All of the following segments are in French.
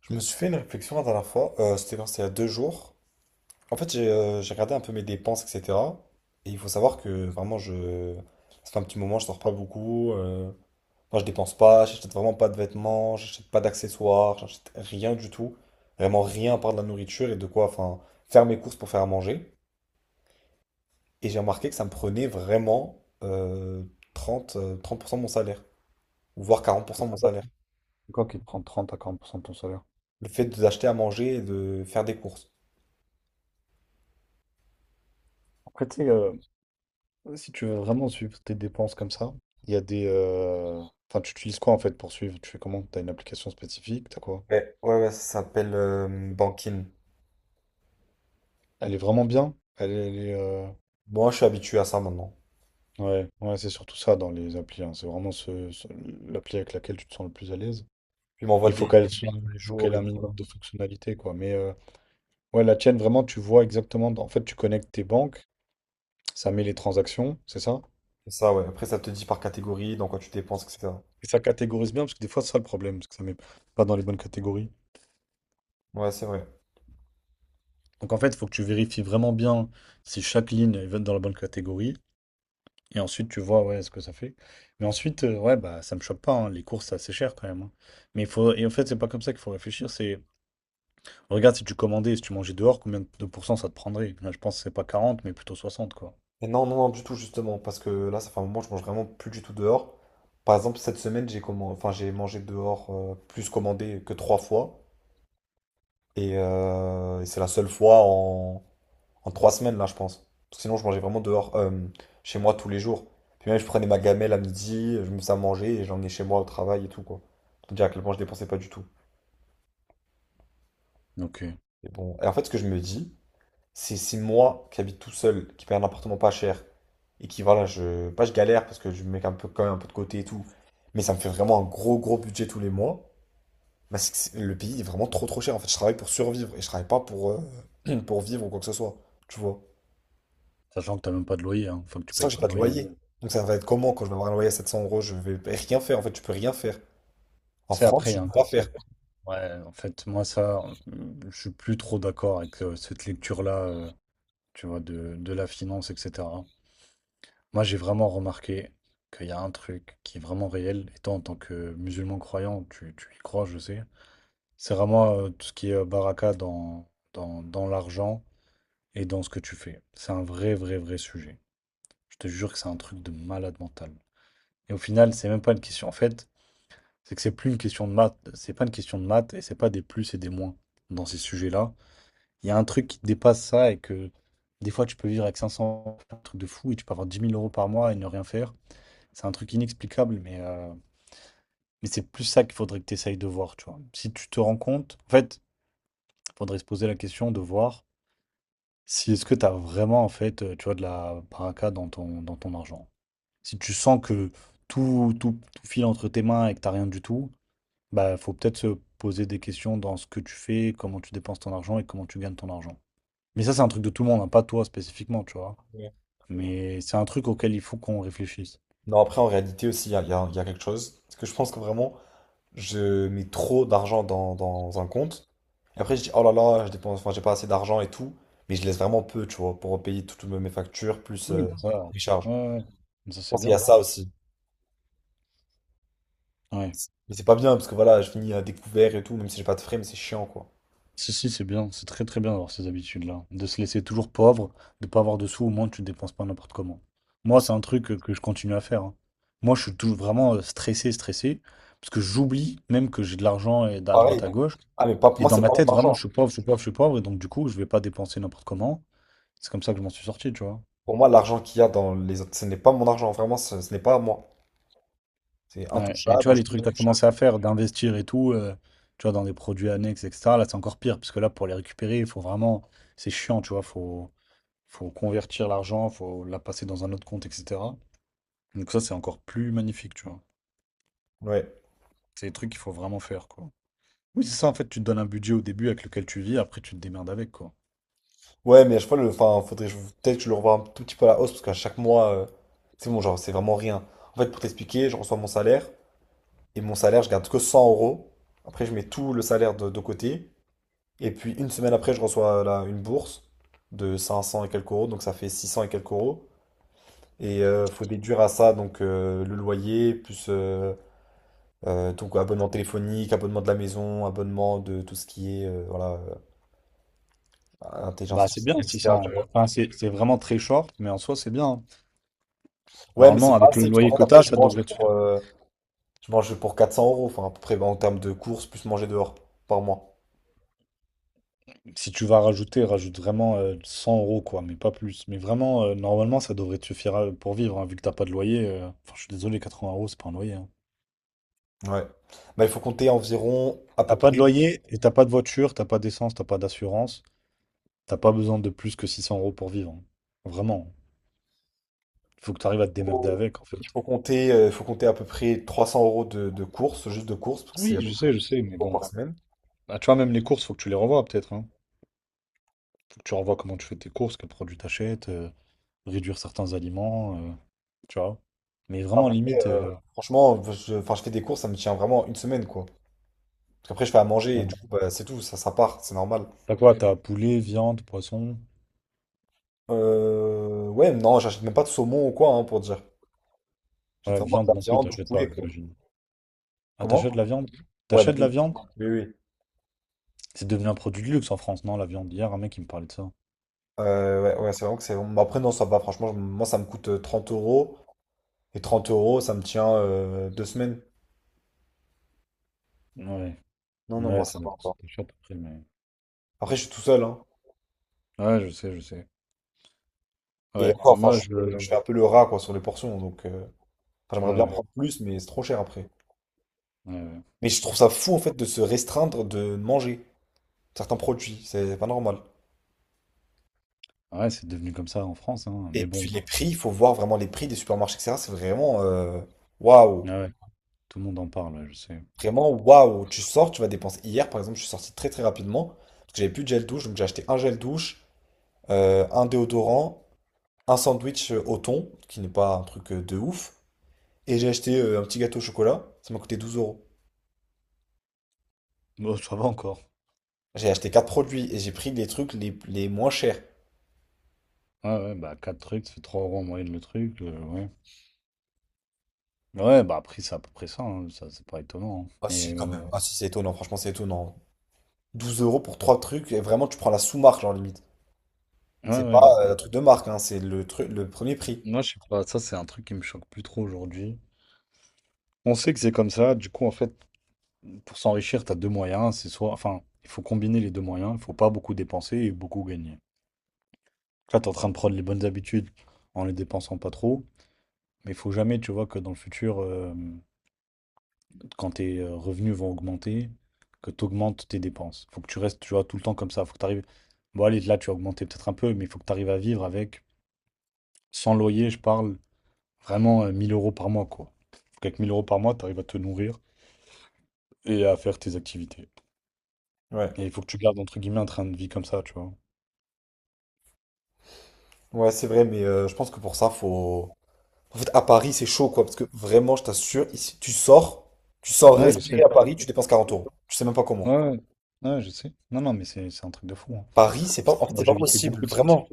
Je me suis fait une réflexion la dernière fois, c'était il y a 2 jours. En fait, j'ai regardé un peu mes dépenses, etc. Et il faut savoir que vraiment, ça fait un petit moment, je sors pas beaucoup. Moi, je dépense pas, j'achète vraiment pas de vêtements, j'achète pas d'accessoires, j'achète rien du tout. Vraiment rien à part de la nourriture et de quoi, enfin, faire mes courses pour faire à manger. Et j'ai remarqué que ça me prenait vraiment trente pour cent de mon salaire, ou voire quarante pour Ah, cent de c'est mon pas n'importe salaire. quoi qui te prend 30 à 40% de ton salaire. Le fait d'acheter à manger et de faire des courses. Après, tu sais, si tu veux vraiment suivre tes dépenses comme ça, il y a des. Enfin, tu utilises quoi en fait pour suivre? Tu fais comment? T'as une application spécifique? T'as quoi? Ouais, ouais, ouais, ça s'appelle Bankin. Elle est vraiment bien? Moi, je suis habitué à ça maintenant. Ouais, ouais, c'est surtout ça dans les applis, hein. C'est vraiment l'appli avec laquelle tu te sens le plus à l'aise. Puis il Mais m'envoie il des, faut ok, des qu'elle soit, mails tous les il faut qu'elle jours ait et un tout. minimum de fonctionnalité, quoi. Mais ouais, la tienne, vraiment, tu vois exactement. En fait, tu connectes tes banques, ça met les transactions, c'est ça? C'est ça, ouais. Après, ça te dit par catégorie, dans quoi tu dépenses, etc. Et ça catégorise bien, parce que des fois, c'est ça le problème, parce que ça met pas dans les bonnes catégories. Ouais, c'est vrai. Donc en fait, il faut que tu vérifies vraiment bien si chaque ligne elle va être dans la bonne catégorie. Et ensuite, tu vois ouais, ce que ça fait. Mais ensuite, ouais, bah ça me choque pas, hein. Les courses, c'est assez cher quand même, hein. Mais il faut. Et en fait, c'est pas comme ça qu'il faut réfléchir. C'est. Regarde si tu commandais, si tu mangeais dehors, combien de pourcents ça te prendrait? Là, je pense que c'est pas quarante mais plutôt soixante quoi. Et non, non, non, du tout, justement, parce que là, ça fait un moment, je mange vraiment plus du tout dehors. Par exemple, cette semaine, j'ai commandé, enfin, j'ai mangé dehors, plus commandé que trois fois. Et c'est la seule fois en 3 semaines, là, je pense. Parce que sinon, je mangeais vraiment dehors, chez moi tous les jours. Puis même, je prenais ma gamelle à midi, je me faisais à manger et j'emmenais chez moi au travail et tout, quoi. Pour te dire à quel point je dépensais pas du tout. Ok. Et bon, et en fait, ce que je me dis, c'est moi qui habite tout seul, qui paye un appartement pas cher, et qui, voilà, je, pas je galère parce que je mets un peu, quand même un peu de côté et tout, mais ça me fait vraiment un gros, gros budget tous les mois. Bah, le pays est vraiment trop, trop cher. En fait, je travaille pour survivre et je travaille pas pour, pour vivre ou quoi que ce soit, tu vois. Sachant que t'as même pas de loyer, hein. Faut que tu Sinon, payes j'ai pas pas de de loyer. loyer. Donc, ça va être comment quand je vais avoir un loyer à 700 euros? Je vais rien faire. En fait, tu peux rien faire. En C'est France, après, il y je a peux un pas faire. concept. Ouais, en fait, moi, ça, je suis plus trop d'accord avec cette lecture-là, tu vois, de la finance, etc. Moi, j'ai vraiment remarqué qu'il y a un truc qui est vraiment réel, et toi, en tant que musulman croyant, tu y crois, je sais. C'est vraiment tout ce qui est baraka dans l'argent et dans ce que tu fais. C'est un vrai, vrai, vrai sujet. Je te jure que c'est un truc de malade mental. Et au final, c'est même pas une question. En fait, c'est que c'est plus une question de maths, c'est pas une question de maths et c'est pas des plus et des moins dans ces sujets-là. Il y a un truc qui dépasse ça et que des fois tu peux vivre avec 500, un truc de fou, et tu peux avoir 10 000 euros par mois et ne rien faire. C'est un truc inexplicable, mais c'est plus ça qu'il faudrait que tu essayes de voir, tu vois. Si tu te rends compte, en fait, il faudrait se poser la question de voir si est-ce que tu as vraiment, en fait, tu vois, de la baraka dans ton argent. Si tu sens que tout, tout, tout file entre tes mains et que t'as rien du tout, bah, faut peut-être se poser des questions dans ce que tu fais, comment tu dépenses ton argent et comment tu gagnes ton argent. Mais ça, c'est un truc de tout le monde, hein, pas toi spécifiquement, tu vois. Mais c'est un truc auquel il faut qu'on réfléchisse. Non, après, en réalité aussi, il y a, il y a- il y a quelque chose. Parce que je pense que vraiment, je mets trop d'argent dans un compte. Et après, je dis, oh là là, je dépense, enfin, j'ai pas assez d'argent et tout. Mais je laisse vraiment peu, tu vois, pour payer toutes mes factures plus Oui. Ça, ouais, les charges. ouais, ouais. Mais ça, Je c'est pense qu'il y a bien. ça aussi. Ouais. Mais c'est pas bien parce que voilà, je finis à découvert et tout, même si j'ai pas de frais, mais c'est chiant, quoi. Si, si, c'est bien. C'est très, très bien d'avoir ces habitudes-là. De se laisser toujours pauvre, de pas avoir de sous, au moins tu dépenses pas n'importe comment. Et Moi, c'est c'est un truc que je continue à faire, hein. Moi, je suis toujours vraiment stressé, stressé, parce que j'oublie même que j'ai de l'argent et d'à pareil. droite à gauche. Ah, mais pas, pour Et moi, dans c'est ma pas mon tête, vraiment, argent. je suis pauvre, je suis pauvre, je suis pauvre. Et donc, du coup, je vais pas dépenser n'importe comment. C'est comme ça que je m'en suis sorti, tu vois. Pour moi, l'argent qu'il y a dans les autres, ce n'est pas mon argent, vraiment, ce n'est pas à moi. C'est Ouais. Et tu intouchable. vois, les trucs que tu as commencé à faire, d'investir et tout, tu vois, dans des produits annexes, etc. Là, c'est encore pire, parce que là, pour les récupérer, il faut vraiment. C'est chiant, tu vois. Faut convertir l'argent, faut la passer dans un autre compte, etc. Donc, ça, c'est encore plus magnifique, tu vois. Ouais. C'est des trucs qu'il faut vraiment faire, quoi. Oui, c'est ça, en fait, tu te donnes un budget au début avec lequel tu vis, après, tu te démerdes avec, quoi. Ouais, mais à chaque fois, enfin, peut-être que je le revoie un tout petit peu à la hausse parce qu'à chaque mois, c'est bon, genre, c'est vraiment rien. En fait, pour t'expliquer, je reçois mon salaire et mon salaire, je garde que 100 euros. Après, je mets tout le salaire de côté. Et puis, une semaine après, je reçois là, une bourse de 500 et quelques euros, donc ça fait 600 et quelques euros. Et faut déduire à ça donc le loyer, plus donc, abonnement téléphonique, abonnement de la maison, abonnement de tout ce qui est voilà, intelligence Bah, c'est bien, artificielle, six cents. etc. Enfin, c'est vraiment très short, mais en soi, c'est bien. Ouais, mais Normalement, c'est pas avec le assez parce qu'en loyer fait, après, quota, ça devrait te... Je mange pour 400 euros, enfin, à peu près, bah, en termes de courses, plus manger dehors, par mois. Si tu vas rajouter, rajoute vraiment 100 euros, quoi, mais pas plus. Mais vraiment, normalement, ça devrait te suffire pour vivre, hein, vu que t'as pas de loyer. Enfin, je suis désolé, 80 euros, c'est pas un loyer, hein. Ouais. Bah, il faut compter environ, à T'as peu pas de près, loyer et t'as pas de voiture, t'as pas d'essence, t'as pas d'assurance. T'as pas besoin de plus que 600 euros pour vivre, hein. Vraiment. Il faut que tu arrives à te démerder avec, en fait. il faut compter à peu près 300 euros de courses, juste de courses, parce que c'est Oui, à peu près je 5 sais, mais euros bon. par semaine. Bah, tu vois, même les courses, faut que tu les revoies, peut-être, hein. Faut que tu revoies comment tu fais tes courses, quels produits t'achètes, réduire certains aliments, tu vois. Mais vraiment, Après, limite. euh, franchement, enfin, je fais des courses, ça me tient vraiment une semaine, quoi. Parce qu'après, je fais à manger, et Ouais. du coup, bah, c'est tout, ça part, c'est normal. T'as quoi? T'as poulet, viande, poisson? Ouais, non, j'achète même pas de saumon ou quoi, hein, pour dire. J'achète Ouais, vraiment de viande la non plus, viande, du t'achètes poulet, pas, quoi. j'imagine. Ah, Comment? t'achètes la viande? Ouais, bah T'achètes oui, la viande? oui, oui. C'est devenu un produit de luxe en France, non, la viande? Hier, un mec, il me parlait de ça. Ouais, ouais, c'est vraiment que c'est. Mais après, non, ça va, franchement, moi, ça me coûte 30 euros. Et 30 euros, ça me tient 2 semaines. Ouais, Non, non, moi, ouais, ça ça va dépend. encore. C'est cher le prix, mais... Après, je suis tout seul, hein. Ouais, je sais, je sais. Et Ouais, encore, enfin, moi, je, je fais un peu le rat, quoi, sur les portions. Donc, enfin, ouais, j'aimerais bien ouais, prendre plus, mais c'est trop cher après. ouais, ouais. Mais je trouve ça fou, en fait, de se restreindre de manger certains produits. C'est pas normal. Ah ouais, c'est devenu comme ça en France, hein. Et Mais bon, puis, les prix, il faut voir vraiment les prix des supermarchés, etc. C'est vraiment. Waouh! ouais, ouais. Tout le monde en parle, ouais, je sais. Vraiment, waouh! Tu sors, tu vas dépenser. Hier, par exemple, je suis sorti très, très rapidement. Parce que j'avais plus de gel douche, donc j'ai acheté un gel douche, un déodorant, un sandwich au thon, qui n'est pas un truc de ouf, et j'ai acheté un petit gâteau au chocolat, ça m'a coûté 12 euros. Bon, ça va encore. J'ai acheté quatre produits et j'ai pris les trucs les moins chers. Ouais, ouais, bah, quatre trucs, ça fait 3 euros en moyenne le truc, ouais. Ouais, bah, après, c'est à peu près ça, hein, ça, c'est pas étonnant, hein. Ah Mais, si, quand même. Ah si, c'est étonnant, franchement, c'est étonnant. 12 euros pour trois trucs, et vraiment, tu prends la sous-marque, genre limite. ouais, C'est pas ouais, mais bon. un truc de marque, hein, c'est truc le premier prix. Moi, je sais pas, ça c'est un truc qui me choque plus trop aujourd'hui. On sait que c'est comme ça, du coup, en fait, pour s'enrichir, t'as deux moyens, c'est soit, enfin, il faut combiner les deux moyens, il faut pas beaucoup dépenser et beaucoup gagner. Là, t'es en train de prendre les bonnes habitudes en les dépensant pas trop, mais il faut jamais, tu vois, que dans le futur, quand tes revenus vont augmenter, que t'augmentes tes dépenses. Faut que tu restes, tu vois, tout le temps comme ça, faut que t'arrives... Bon, allez, là, tu as augmenté peut-être un peu, mais il faut que t'arrives à vivre avec, sans loyer, je parle, vraiment 1000 euros par mois, quoi. Faut qu'avec 1000 euros par mois, t'arrives à te nourrir et à faire tes activités. Ouais. Et il faut que tu gardes, entre guillemets, un train de vie comme ça, tu vois. Ouais, c'est vrai, mais je pense que pour ça, faut. En fait, à Paris, c'est chaud, quoi. Parce que vraiment, je t'assure, ici, tu sors, Ouais, je sais. respirer à Paris, tu dépenses 40 euros. Je sais même pas comment. Ouais, ouais, ouais, je sais. Non, non, mais c'est un truc de fou, hein. Paris, c'est pas. Ça, En fait, moi, c'est pas j'évitais possible, beaucoup de sorties. vraiment.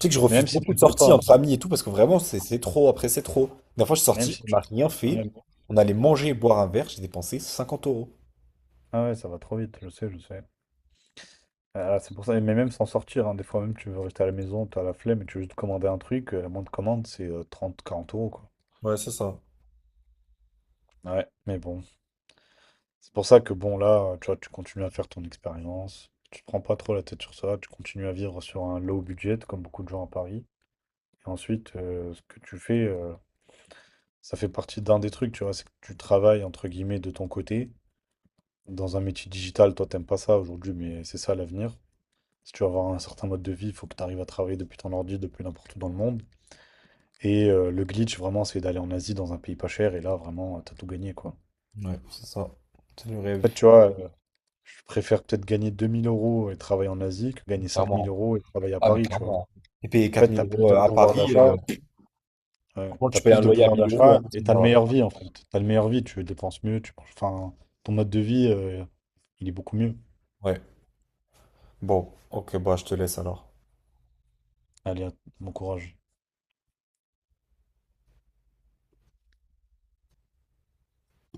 Tu sais que je Mais refuse même si beaucoup tu de sors sorties pas, entre amis et tout, parce que vraiment, c'est trop. Après, c'est trop. La dernière fois, je suis même sorti, si on n'a tu... rien fait. Ouais, On allait manger et boire un verre, j'ai dépensé 50 euros. ah ouais, ça va trop vite, je sais, je sais. Ah, c'est pour ça, mais même sans sortir, hein, des fois même tu veux rester à la maison, t'as la flemme et tu veux juste commander un truc, la moindre commande c'est 30, 40 euros quoi. Ouais, c'est ça. Ouais, mais bon. C'est pour ça que bon là, tu vois, tu continues à faire ton expérience, tu te prends pas trop la tête sur ça, tu continues à vivre sur un low budget comme beaucoup de gens à Paris. Et ensuite, ce que tu fais, ça fait partie d'un des trucs, tu vois, c'est que tu travailles, entre guillemets, de ton côté. Dans un métier digital, toi, t'aimes pas ça aujourd'hui, mais c'est ça l'avenir. Si tu veux avoir un certain mode de vie, il faut que tu arrives à travailler depuis ton ordi, depuis n'importe où dans le monde. Et le glitch, vraiment, c'est d'aller en Asie, dans un pays pas cher, et là, vraiment, t'as tout gagné, quoi. Ouais, c'est ça. C'est le En rêve, fait, tu vois, je préfère peut-être gagner 2000 euros et travailler en Asie que gagner cinq mille clairement. euros et travailler à Ah, mais Paris, tu vois. En clairement. Et payer fait, 4000 t'as plus euros de à pouvoir Paris, d'achat. Ouais, franchement, t'as tu payes un plus de loyer à pouvoir 1000 euros d'achat hein, à ce et t'as le moment-là. meilleur vie en fait. T'as le meilleur vie, tu dépenses mieux, enfin, ton mode de vie, il est beaucoup mieux. Ouais. Bon, ok, bah je te laisse alors. Allez, à- bon courage.